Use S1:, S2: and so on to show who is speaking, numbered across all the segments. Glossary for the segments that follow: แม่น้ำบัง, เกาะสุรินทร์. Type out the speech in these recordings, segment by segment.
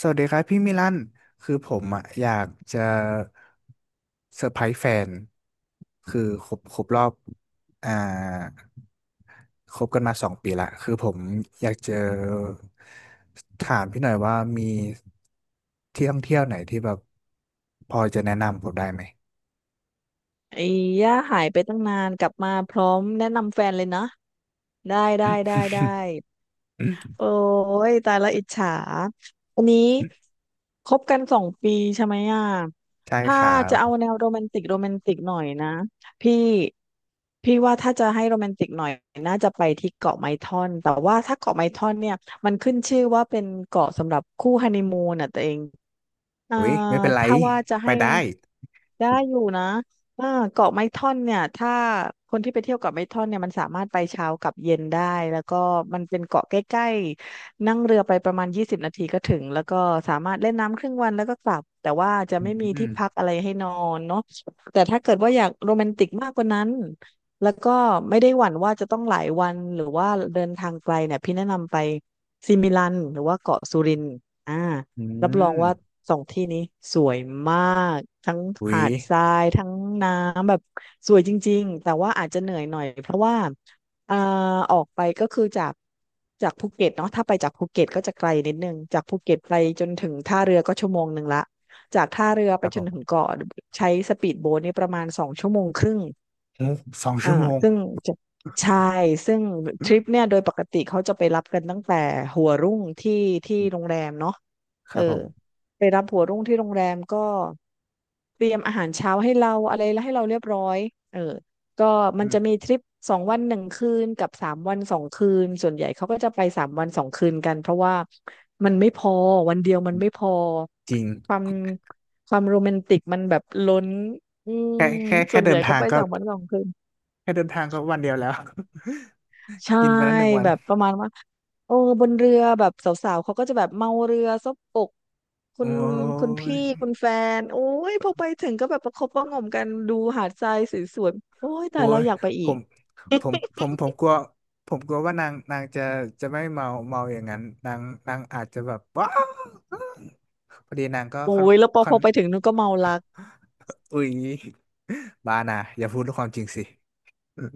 S1: สวัสดีครับพี่มิลันคือผมอยากจะเซอร์ไพรส์แฟนคือครบรอบอ่าคบกันมาสองปีละคือผมอยากจะถามพี่หน่อยว่ามีที่ท่องเที่ยวไหนที่แบบพอจะแนะนำผมได้ไหม
S2: ไอ้ย่าหายไปตั้งนานกลับมาพร้อมแนะนำแฟนเลยนะได้ได้ได้ได้โอ้ยตายละอิจฉาอันนี้คบกัน2 ปีใช่ไหมอ่ะ
S1: ใช่
S2: ถ้า
S1: ครั
S2: จะ
S1: บ
S2: เอาแนวโรแมนติกโรแมนติกหน่อยนะพี่พี่ว่าถ้าจะให้โรแมนติกหน่อยน่าจะไปที่เกาะไม้ท่อนแต่ว่าถ้าเกาะไม้ท่อนเนี่ยมันขึ้นชื่อว่าเป็นเกาะสำหรับคู่ฮันนีมูนอ่ะตัวเอง อ่า
S1: อุ้ยไม่เป็นไร
S2: ถ้าว่าจะ
S1: ไป
S2: ให้
S1: ได้
S2: ได้อยู่นะอ่าเกาะไม้ท่อนเนี่ยถ้าคนที่ไปเที่ยวเกาะไม้ท่อนเนี่ยมันสามารถไปเช้ากับเย็นได้แล้วก็มันเป็นเกาะใกล้ๆนั่งเรือไปประมาณ20 นาทีก็ถึงแล้วก็สามารถเล่นน้ำครึ่งวันแล้วก็กลับแต่ว่าจะ
S1: อื
S2: ไม่มี
S1: ม
S2: ที่พั
S1: อ
S2: กอะไรให้นอนเนาะแต่ถ้าเกิดว่าอยากโรแมนติกมากกว่านั้นแล้วก็ไม่ได้หวั่นว่าจะต้องหลายวันหรือว่าเดินทางไกลเนี่ยพี่แนะนำไปซิมิลันหรือว่าเกาะสุรินทร์อ่า
S1: ื
S2: รับรองว่า
S1: ม
S2: สองที่นี้สวยมากทั้ง
S1: อุ๊
S2: หา
S1: ย
S2: ดทรายทั้งน้ำแบบสวยจริงๆอาจจะเหนื่อยหน่อยเพราะว่าอ่าออกไปก็คือจากภูเก็ตเนาะถ้าไปจากภูเก็ตก็จะไกลนิดนึงจากภูเก็ตไปจนถึงท่าเรือก็1 ชั่วโมงละจากท่าเรือ
S1: ค
S2: ไป
S1: รับ
S2: จ
S1: ผ
S2: นถึง
S1: ม
S2: เกาะใช้สปีดโบ๊ทนี่ประมาณ2 ชั่วโมงครึ่ง
S1: สอง
S2: อ่า
S1: ชั่วโมง
S2: ซึ่งจะใช่ซึ่งทริปเนี่ยโดยปกติเขาจะไปรับกันตั้งแต่หัวรุ่งที่โรงแรมเนาะ
S1: ค
S2: เอ
S1: รั
S2: อ
S1: บผม
S2: ไปรับหัวรุ่งที่โรงแรมก็เตรียมอาหารเช้าให้เราอะไรแล้วให้เราเรียบร้อยเออก็มัน
S1: อืม
S2: จะมีทริป2 วัน 1 คืนกับสามวันสองคืนส่วนใหญ่เขาก็จะไปสามวันสองคืนกันเพราะว่ามันไม่พอวันเดียวมันไม่พอ
S1: จริง
S2: ความความโรแมนติกมันแบบล้นอืม
S1: แค่แค่
S2: ส่
S1: แค่
S2: วนให
S1: เดิ
S2: ญ่
S1: น
S2: เขา
S1: ทาง
S2: ไป
S1: ก็
S2: สามวันสองคืน
S1: แค่เดินทางก็วันเดียวแล้ว
S2: ใช่
S1: กินไปแล้วหนึ่งวั
S2: แบ
S1: น
S2: บประมาณว่าโอ้บนเรือแบบสาวๆเขาก็จะแบบเมาเรือซบอกคุ
S1: โอ้
S2: ณคุณพี่
S1: ย
S2: คุณแฟนโอ้ยพอไปถึงก็แบบประคบประหงมกันดูหาดทรายสวยๆโอ้ยแต่
S1: โอ้
S2: เราย
S1: ย
S2: แล้วอยากไป
S1: ผ
S2: อีก
S1: มผมผมกลัวผมกลัวว่านางนางจะจะไม่เมาเมาอย่างนั้นนางนางอาจจะแบบว้าวพอดีนางก็
S2: โอ้
S1: ค่อน
S2: ยแล้วพอ
S1: ค่
S2: พ
S1: อน
S2: อไปถึงนู้นก็เมารัก
S1: อุ้ยบ้านะอย่าพูดความจริงสิอืม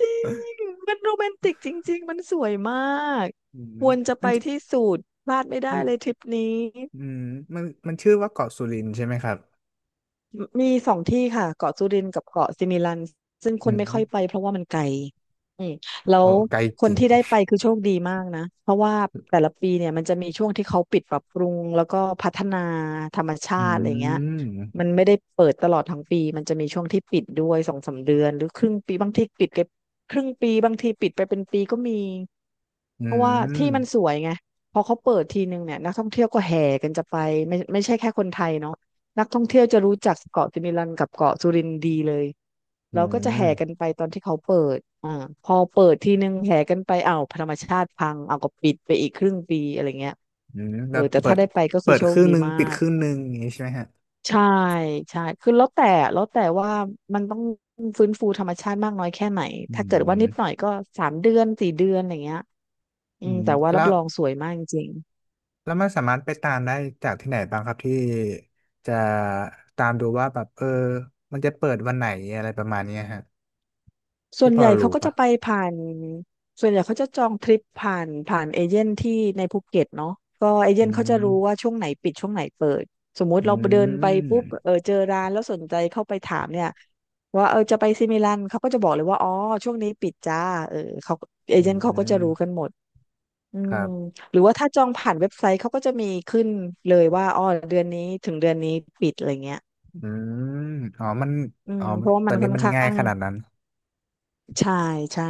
S2: จริงมันโรแมนติกจริงๆมันสวยมาก
S1: อืม
S2: ควรจะ
S1: มั
S2: ไป
S1: นจะ
S2: ที่สุดพลาดไม่ได้
S1: มัน
S2: เลยทริปนี้
S1: อืมมันมันชื่อว่าเกาะสุรินทร์ใช่ไหมครับ
S2: มีสองที่ค่ะเกาะสุรินทร์กับเกาะสิมิลันซึ่งค
S1: อื
S2: นไม่ค่อย
S1: ม
S2: ไปเพราะว่ามันไกลอืมแล้
S1: โอ้
S2: ว
S1: ไกล
S2: ค
S1: จ
S2: น
S1: ริง
S2: ที่ได้ไปคือโชคดีมากนะเพราะว่าแต่ละปีเนี่ยมันจะมีช่วงที่เขาปิดปรับปรุงแล้วก็พัฒนาธรรมชา
S1: อื
S2: ติอะไรเงี้ยมั
S1: ม
S2: นไม่ได้เปิดตลอดทั้งปีมันจะมีช่วงที่ปิดด้วย2-3 เดือนหรือครึ่งปีบางทีปิดไปครึ่งปีบางทีปิดไปเป็นปีก็มี
S1: อื
S2: เพราะว่าที่มันส
S1: ม
S2: วยไงพอเขาเปิดทีนึงเนี่ยนักท่องเที่ยวก็แห่กันจะไปไม่ใช่แค่คนไทยเนาะ นักท่องเที่ยวจะรู้จักเกาะสิมิลันกับเกาะสุรินทร์ดีเลย
S1: อื
S2: แล้วก็จะแห่
S1: ม
S2: กันไปตอนที่เขาเปิดพอเปิดทีนึงแห่กันไปอ้าวธรรมชาติพังเอาก็ปิดไปอีกครึ่งปีอะไรเงี้ย
S1: อืม
S2: เอ
S1: แล้
S2: อ
S1: ว
S2: แต่
S1: เปิ
S2: ถ้า
S1: ด
S2: ได้ไปก็
S1: เปิ
S2: คือ
S1: ด
S2: โช
S1: ค
S2: ค
S1: รึ่ง
S2: ดี
S1: หนึ่ง
S2: มา
S1: ปิดค
S2: ก
S1: รึ่งหนึ่งอย่างนี้ใช่ไหมฮะ
S2: ใช่ใช่คือแล้วแต่ว่ามันต้องฟื้นฟูธรรมชาติมากน้อยแค่ไหน
S1: อื
S2: ถ้าเกิดว่านิดหน่อ
S1: ม
S2: ยก็3 เดือน 4 เดือนอะไรเงี้ยอื
S1: อื
S2: ม
S1: ม
S2: แต่ว่ารั
S1: แล้
S2: บ
S1: ว
S2: รองสวยมากจริง
S1: แล้วมันสามารถไปตามได้จากที่ไหนบ้างครับที่จะตามดูว่าแบบเออมันจะเปิดวันไหนอะไรประมาณเนี้ยฮะ
S2: ส่ว
S1: ที่
S2: น
S1: พ
S2: ให
S1: อ
S2: ญ่เขา
S1: รู้
S2: ก็
S1: ปะ
S2: จะไปผ่านส่วนใหญ่เขาจะจองทริปผ่านเอเจนต์ที่ในภูเก็ตเนาะก็เอเจ
S1: อื
S2: นต์เขาจะรู้ว่า
S1: ม
S2: ช่วงไหนปิดช่วงไหนเปิดสมมุ
S1: อื
S2: ติเราเดินไปปุ๊บ
S1: ม
S2: เออเจอร้านแล้วสนใจเข้าไปถามเนี่ยว่าเออจะไปซิมิลันเขาก็จะบอกเลยว่าอ๋อช่วงนี้ปิดจ้าเออเขาเอ
S1: อื
S2: เจนต์เขาก็จะรู้กั
S1: ม
S2: นหมดอื
S1: ค
S2: ม
S1: รับ
S2: หรือว่าถ้าจองผ่านเว็บไซต์เขาก็จะมีขึ้นเลยว่าอ๋อเดือนนี้ถึงเดือนนี้ปิดอะไรเงี้ย
S1: อืมอ๋อมัน
S2: อื
S1: อ๋
S2: ม
S1: อ
S2: เพราะว่า
S1: ตอ
S2: มัน
S1: น
S2: ค่
S1: นี้
S2: อน
S1: มัน
S2: ข้า
S1: ง่าย
S2: ง
S1: ขนาดนั้น
S2: ใช่ใช่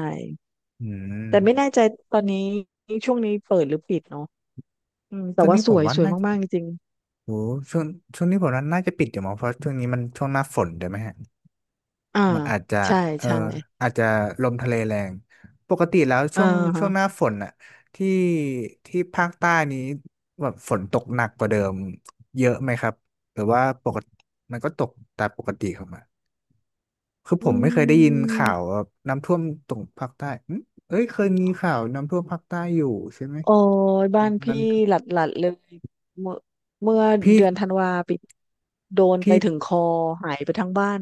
S1: อื
S2: แต่ไม่แน่
S1: ม
S2: ใจตอนนี้ช่วงนี้เปิดหรือปิดเนาะอืมแต่
S1: ช่วง
S2: ว่า
S1: นี้
S2: ส
S1: ผม
S2: วย
S1: ว่า
S2: สวย
S1: น่า
S2: มากๆจริง
S1: โหช่วงช่วงนี้ผมว่าน่าจะปิดอยู่มั้งเพราะช่วงนี้มันช่วงหน้าฝนด้วยไหมฮะ
S2: ๆ
S1: มันอาจจะ
S2: ใช่
S1: เออ
S2: ใช่
S1: อาจจะลมทะเลแรงปกติแล้ว
S2: อ่า
S1: ช่วงช่
S2: ฮะ
S1: วงหน้าฝนน่ะที่ที่ภาคใต้นี้แบบฝนตกหนักกว่าเดิมเยอะไหมครับหรือว่าปกติมันก็ตกตามปกติของมันคือ
S2: อื
S1: ผมไม่เคยได้ยินข่าว
S2: ม
S1: ว่าน้ำท่วมตรงภาคใต้อืมเอ้ยเคยมีข่าวน้ำท่วมภาคใต้อยู่ใช่ไหม
S2: โอ้ยบ้า
S1: มั
S2: น
S1: น
S2: พี่
S1: นั้น
S2: หลัดๆเลยเมื่อเมื่อ
S1: พี่
S2: เดือนธันวาปีโดนไป
S1: พี่
S2: ถึงคอหายไปทั้งบ้าน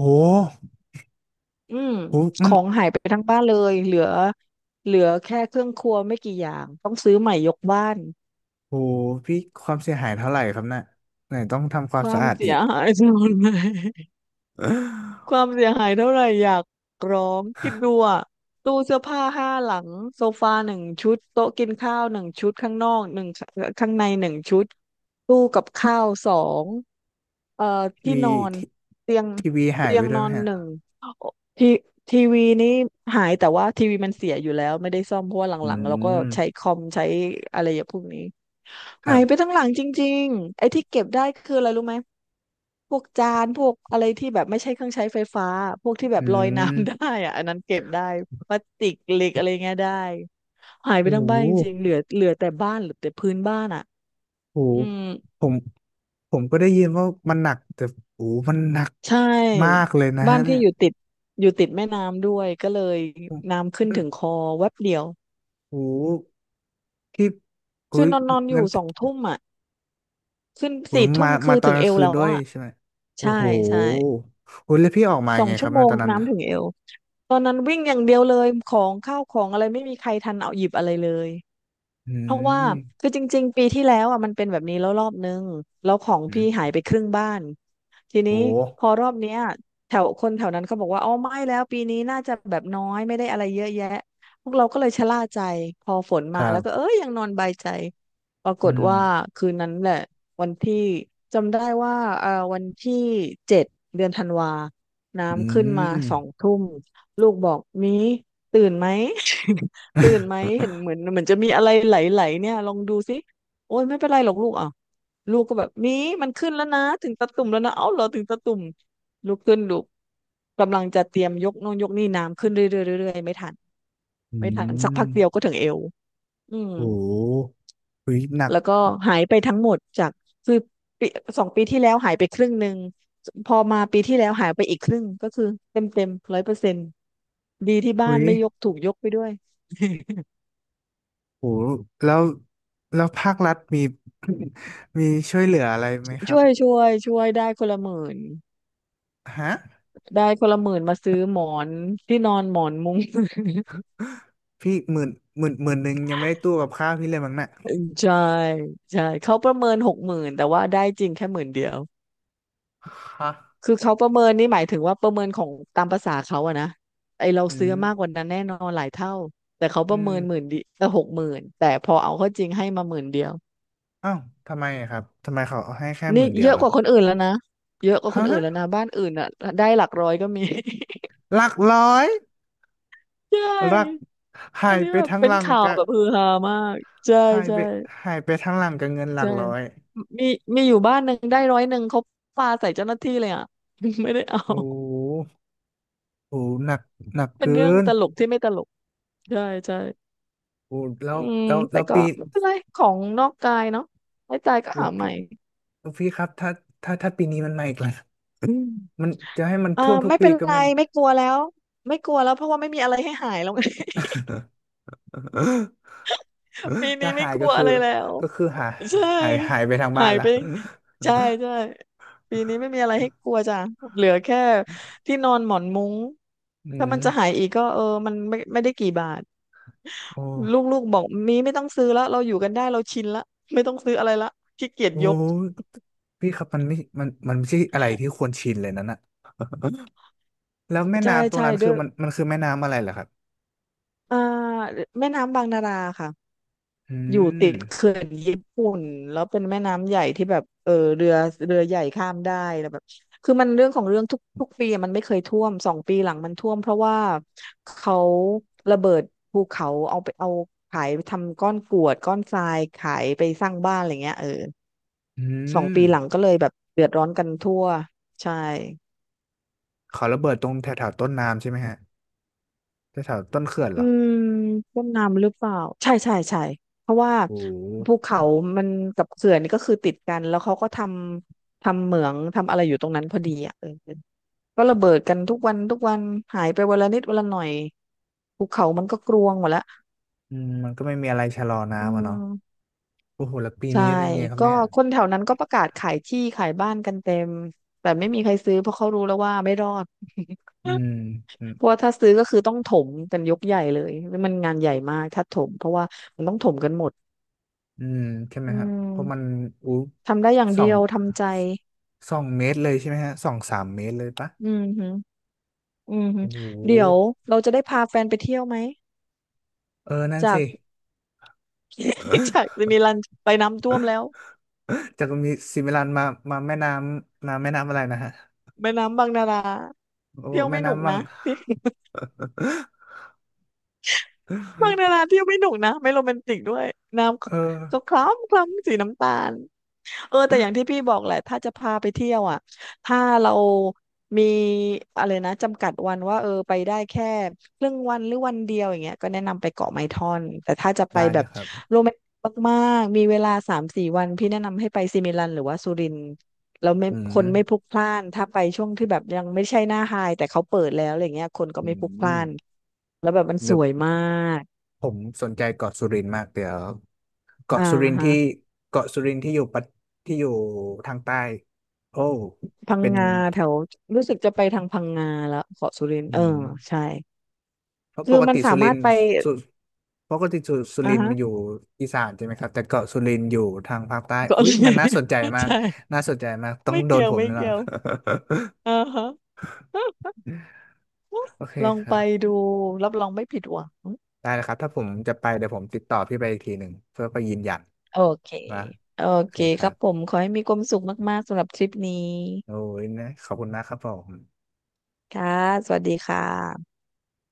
S1: โอ้
S2: อืม
S1: โห
S2: ข
S1: มัน
S2: องหายไปทั้งบ้านเลยเหลือแค่เครื่องครัวไม่กี่อย่างต้องซื้อใหม่ยกบ้าน
S1: โอ้โหพี่ความเสียหายเท่าไหร่ครับน่ะไหนต้องทำควา
S2: ค
S1: ม
S2: วา
S1: สะ
S2: ม
S1: อาด
S2: เสี
S1: อี
S2: ย
S1: ก
S2: หาย ทั้งหมดเลย ความเสียหายเท่าไหร่อยากร้องคิดดูอะตู้เสื้อผ้า5หลังโซฟาหนึ่งชุดโต๊ะกินข้าวหนึ่งชุดข้างนอกหนึ่งข้างในหนึ่งชุดตู้กับข้าวสองเอ่อ
S1: ที
S2: ที่
S1: วี
S2: นอน
S1: ที
S2: เตียง
S1: ทีวีหาย
S2: เตีย
S1: ไป
S2: ง
S1: ด้ว
S2: น
S1: ย
S2: อ
S1: ไหม
S2: น
S1: ฮะ
S2: หนึ่งโอทีทีวีนี้หายแต่ว่าทีวีมันเสียอยู่แล้วไม่ได้ซ่อมเพราะว่าห
S1: อื
S2: ลังๆเราก็
S1: ม
S2: ใช้คอมใช้อะไรอย่างพวกนี้
S1: ค
S2: หา
S1: รั
S2: ยไป
S1: บ
S2: ทั้งหลังจริงๆไอ้ที่เก็บได้คืออะไรรู้ไหมพวกจานพวกอะไรที่แบบไม่ใช่เครื่องใช้ไฟฟ้า พวกที่แบ
S1: อื
S2: บลอยน้ำได้
S1: ม
S2: อะอันนั้นเก็บได้พลาสติกเหล็กอะไรเงี้ยได้ หายไป
S1: โอ้
S2: ทั้ง
S1: โห
S2: บ้านจริงๆ เหลือแต่บ้านเหลือแต่พื้นบ้านอ่ะ
S1: โอ้
S2: อื
S1: โห
S2: ม
S1: ผมผมก็ได้ยินว่ามันหนักแต่โอ้โหมันหนัก
S2: ใช
S1: มา
S2: ่
S1: กเลยนะ
S2: บ้า
S1: ฮะ
S2: น
S1: เนี่
S2: พี่
S1: ย
S2: อยู่ติดแม่น้ำด้วยก็เลย
S1: ผม
S2: น้ำขึ้น
S1: มัน
S2: ถึงคอแวบเดียว
S1: โอ้โหที่โอ้
S2: คือ
S1: ย
S2: นอนนอนอ
S1: งั้
S2: ยู่
S1: น
S2: สองทุ่มอ่ะขึ้น
S1: ผ
S2: สี่
S1: ม
S2: ทุ่
S1: มา
S2: มคื
S1: มา
S2: อ
S1: ตอ
S2: ถึ
S1: น
S2: ง
S1: กลา
S2: เอ
S1: ง
S2: ว
S1: คืน
S2: แล้
S1: ด้
S2: ว
S1: วย
S2: อ่ะ
S1: ใช่ไหมโอ้
S2: ใช่
S1: โห
S2: ใช่
S1: โอ้ยแล้วพี่ออกมา
S2: ส
S1: ยั
S2: อ
S1: ง
S2: ง
S1: ไงค
S2: ชั่
S1: รั
S2: ว
S1: บ
S2: โม
S1: ใน
S2: ง
S1: ตอนนั้น
S2: น้ำถึงเอวตอนนั้นวิ่งอย่างเดียวเลย ของข้าวของอะไรไม่มีใครทันเอาหยิบอะไรเลย
S1: อื
S2: เพราะว่า
S1: ม
S2: คือจริงๆปีที่แล้วอ่ะมันเป็นแบบนี้แล้วรอบนึงแล้วของ
S1: อื
S2: พี่หาย
S1: ม
S2: ไปครึ่งบ้านทีนี้
S1: โอ้
S2: พอรอบเนี้ยแถวคนแถวนั้นเขาบอกว่าอ๋อไม่แล้วปีนี้น่าจะแบบน้อยไม่ได้อะไรเยอะแยะพวกเราก็เลยชะล่าใจพอฝน
S1: ค
S2: มา
S1: รั
S2: แล้วก็
S1: บ
S2: เอ้ยยังนอนใบายใจปราก
S1: อื
S2: ฏ
S1: ม
S2: ว่าคืนนั้นแหละวันที่จำได้ว่าเอ่อวันที่7เดือนธันวา
S1: อื
S2: น้ำขึ้นมา
S1: ม
S2: สองทุ่มลูกบอกมีตื่นไหม ตื่นไหมเห็น เหมือนจะมีอะไรไหลๆเนี่ยลองดูสิโอ้ยไม่เป็นไรหรอกลูกอ่ะลูกก็แบบมีมันขึ้นแล้วนะถึงตะตุ่มแล้วนะเอ้าเหรอถึงตะตุ่มลุกขึ้นลูกกำลังจะเตรียมยกโน้องยกนี่น้ำขึ้นเรื่อยๆเรื่อยๆไม่ทัน
S1: อื
S2: สักพั
S1: ม
S2: กเดียวก็ถึงเอวอืม
S1: โอ้โหหุยหนัก
S2: แล้วก็หายไปทั้งหมดจากคือปีสองปีที่แล้วหายไปครึ่งหนึ่งพอมาปีที่แล้วหายไปอีกครึ่งก็คือเต็ม100%ดีที่บ้า
S1: หุ
S2: น
S1: ย
S2: ไม่ยกถูกยกไปด้วย
S1: โอ้โหแล้วแล้วภาครัฐมี มีช่วยเหลืออะไรไหมครั
S2: ช่
S1: บ
S2: วยช่วยช่วยได้คนละหมื่น
S1: ฮะ
S2: ได้คนละ10,000มาซื้อหมอนที่นอนหมอนมุ้ง
S1: พี่หมื่นหมื่นหนึ่งยังไม่ได้ตู้กับข้าวพี่เลยมั้งน่ะ
S2: ใช่ใช่เขาประเมินหกหมื่นแต่ว่าได้จริงแค่หมื่นเดียว
S1: ฮะ
S2: คือเขาประเมินนี่หมายถึงว่าประเมินของตามภาษาเขาอะนะไอเรา
S1: อื
S2: ซื้อ
S1: ม
S2: มากกว่านั้นแน่นอนหลายเท่าแต่เขาป
S1: อื
S2: ระ
S1: ม
S2: เมินหกหมื่นแต่พอเอาเข้าจริงให้มาหมื่นเดียว
S1: อ้าวทำไมครับทำไมเขาให้แค่ห
S2: นี่
S1: มื่นเดีย
S2: เย
S1: ว
S2: อะก
S1: ล่ะ
S2: ว่าคนอื่นแล้วนะเยอะกว่าคน
S1: ฮะ
S2: อื่นแล้วนะบ้านอื่นอะได้หลักร้อยก็มี
S1: หลักร้อย
S2: ใช่
S1: หลัก
S2: อั
S1: หา
S2: น
S1: ย
S2: นี้
S1: ไป
S2: แบบ
S1: ทั้ง
S2: เป็
S1: ห
S2: น
S1: ลัง
S2: ข่าว
S1: กับ
S2: แบบฮือฮามากใช่
S1: หายไป
S2: ใช่
S1: หายไปทั้งหลังกับเงินหลั
S2: ใช่
S1: กร้อย
S2: มีมีอยู่บ้านหนึ่งได้100เขาปาใส่เจ้าหน้าที่เลยอ่ะ ไม่ได้เอา
S1: โอ้โหโอ้โหหนักหนัก
S2: เป็น
S1: เกิ
S2: เรื่อง
S1: น
S2: ตลกที่ไม่ตลก ใช่ใช่
S1: โอ้แล้
S2: อื
S1: ว
S2: ม
S1: แล้ว
S2: แต่
S1: แล้ว
S2: ก็
S1: ปี
S2: ไม่เป็นไร ของนอกกายเนาะไม่ตายก็
S1: โอ้
S2: หาใหม่
S1: พี่โอ้พี่ครับถ้าถ้าถ้าปีนี้มันมาอีกแล้วอืม มันจะให้มัน
S2: อ่า
S1: ท่วมทุก
S2: ไม่
S1: ปี
S2: เป็น
S1: ก็
S2: ไร
S1: ไมัน
S2: ไม่กลัวแล้ว ไม่กลัวแล้วเพราะว่าไม่มีอะไรให้หายแล้ว ปี นี้
S1: ถ้า
S2: ไม่
S1: หาย
S2: กลั
S1: ก็
S2: ว
S1: คื
S2: อะ
S1: อ
S2: ไรแล้ว
S1: ก็คือหาย
S2: ใช่
S1: หายหายไปทางบ้า
S2: หา
S1: น
S2: ย
S1: ละ
S2: ไปใช่ใช่ ปีนี้ไม่มีอะไรให้กลัวจ้ะเหลือแค่ที่นอนหมอนมุ้ง
S1: อื
S2: ถ้า
S1: ม
S2: มันจะหายอีกก็เออมันไม่ไม่ได้กี่บาท
S1: โอ้
S2: ลูกๆบอกมีไม่ต้องซื้อแล้วเราอยู่กันได้เราชินละไม่ต้องซื้ออะไรละขี้เกียจ
S1: โอ้
S2: ยก
S1: พี่ครับมันไม่มันไม่ใช่อะไรที่ควรชินเลยนั่นแล้วแม่
S2: ใช่
S1: น้ำตรง
S2: ใช่
S1: นั้น
S2: ด้
S1: คือ
S2: วย
S1: มันมันคือแม่น้ำอะไรเหรอครับ
S2: อ่าแม่น้ำบางนาราค่ะ
S1: อื
S2: อยู่
S1: ม
S2: ติดเขื่อนญี่ปุ่นแล้วเป็นแม่น้ำใหญ่ที่แบบเออเรือเรือใหญ่ข้ามได้แล้วแบบคือมันเรื่องของเรื่องทุกทุกปีอะมันไม่เคยท่วมสองปีหลังมันท่วมเพราะว่าเขาระเบิดภูเขาเอาไปเอาขายทำก้อนกรวดก้อนทรายขายไปสร้างบ้านอะไรเงี้ยเออ
S1: อื
S2: สอง
S1: ม
S2: ปีหลังก็เลยแบบเดือดร้อนกันทั่วใช่
S1: เขาระเบิดตรงแถวแถวต้นน้ำใช่ไหมฮะแถวแถวต้นเขื่อนเห
S2: อื
S1: รอ
S2: มต้นน้ำหรือเปล่าใช่ใช่ใช่เพราะว่า
S1: โอ้โห
S2: ภูเขามันกับเขื่อนนี่ก็คือติดกันแล้วเขาก็ทำเหมืองทำอะไรอยู่ตรงนั้นพอดีอ่ะเออก็ระเบิดกันทุกวันทุกวันหายไปวันละนิดวันละหน่อยภูเขามันก็กรวงหมดละ
S1: อืมมันก็ไม่มีอะไรชะลอ
S2: อื
S1: น้ำอะเนาะ
S2: ม
S1: โอ้โหแล้วปี
S2: ใช่
S1: นี้เป็นยังไงครับ
S2: ก็
S1: เนี่ย
S2: คนแถวนั้นก็ประกาศขายที่ขายบ้านกันเต็มแต่ไม่มีใครซื้อเพราะเขารู้แล้วว่าไม่รอด
S1: อืมอืม
S2: เพราะว่าถ้าซื้อก็คือต้องถมกันยกใหญ่เลยมันงานใหญ่มากถ้าถมเพราะว่ามันต้อง
S1: อืมใช่ไหม
S2: อื
S1: ฮะเพราะมัน
S2: ม
S1: อู้
S2: ทำได้อย่าง
S1: สอ
S2: เดี
S1: ง
S2: ยวทำใจ
S1: สองเมตรเลยใช่ไหมฮะสองสามเมตรเลยปะ
S2: อืมฮึอืมฮึ
S1: โอ้โห
S2: เดี๋ยวเราจะได้พาแฟนไปเที่ยวไหม
S1: เออนั่น
S2: จาก
S1: สิ
S2: จากจะมีรันไปน้ำท่วมแล้ว
S1: จากมีซิมิลันมามาแม่น้ำน้ำแม่น้ำอะไรนะฮะ
S2: แม่น้ำบางนารา
S1: โอ้
S2: เที่ยว
S1: แม่
S2: ไม่หนุก
S1: น้ำบั
S2: นะ
S1: ง
S2: บางนาราเที่ยวไม่หนุกนะไม่โรแมนติกด้วยน้
S1: เออ
S2: ำก็คล้ำคล้ำสีน้ำตาล เออแต่อย่างที่พี่บอกแหละถ้าจะพาไปเที่ยวอ่ะถ้าเรามีอะไรนะจำกัดวันว่าเออไปได้แค่ครึ่งวันหรือวันเดียวอย่างเงี้ยก็แนะนำไปเกาะไม้ท่อนแต่ถ้าจะไป
S1: ได้
S2: แบ
S1: เล
S2: บ
S1: ยครับ
S2: โรแมนติกมากๆมีเวลา3-4 วันพี่แนะนำให้ไปซิมิลันหรือว่าสุรินทร์แล้วไม่
S1: อื
S2: ค
S1: ม
S2: นไม่พลุกพล่านถ้าไปช่วงที่แบบยังไม่ใช่หน้าไฮแต่เขาเปิดแล้วอะไรเงี้ยคนก็
S1: อื
S2: ไม่พลุกพล่า
S1: ม
S2: นแล้วแบบมันส
S1: เดี๋ยว
S2: วยมาก
S1: ผมสนใจเกาะสุรินทร์มากเดี๋ยว
S2: อ่า
S1: เกาะสุรินทร์
S2: ฮะ
S1: ที่เกาะสุรินทร์ที่อยู่ปัตที่อยู่ทางใต้โอ้
S2: พัง
S1: เป็น
S2: งาแถวรู้สึกจะไปทางพังงาแล้วเกาะสุรินทร์
S1: อื
S2: เออ
S1: ม
S2: ใช่
S1: เพราะป
S2: คือ
S1: ก
S2: มัน
S1: ติ
S2: สา
S1: สุริ
S2: มาร
S1: น
S2: ถ
S1: ทร์
S2: ไป
S1: สุปกติสุสุ
S2: อ่า
S1: รินทร์
S2: ฮะ
S1: มันอยู่อีสานใช่ไหมครับแต่เกาะสุรินทร์อยู่ทางภาคใต้
S2: ก็
S1: อุ้ยมันน่าสนใจ มาก
S2: ใช่
S1: น่าสนใจมากต้อง
S2: ไม่
S1: โดน
S2: เกี่ยว
S1: ผม
S2: ไม่
S1: แน่นอ
S2: เกี่
S1: น
S2: ยวอ่าฮะ
S1: โอเค
S2: ลอง
S1: ค
S2: ไป
S1: รับ
S2: ดู รับรองไม่ผิดหวัง
S1: ได้แล้วครับถ้าผมจะไปเดี๋ยวผมติดต่อพี่ไปอีกทีหนึ่งเพื่อไปยืนยัน
S2: โอเค
S1: นะ
S2: โอ
S1: โอเค
S2: เค
S1: ค
S2: ค
S1: รั
S2: รับผ
S1: บ
S2: ม ขอให้มีความสุขมากๆสำหรับทริปนี้
S1: โอ้ยนะขอบคุณมากครับผม
S2: ค่ะสวัสดีค่ะ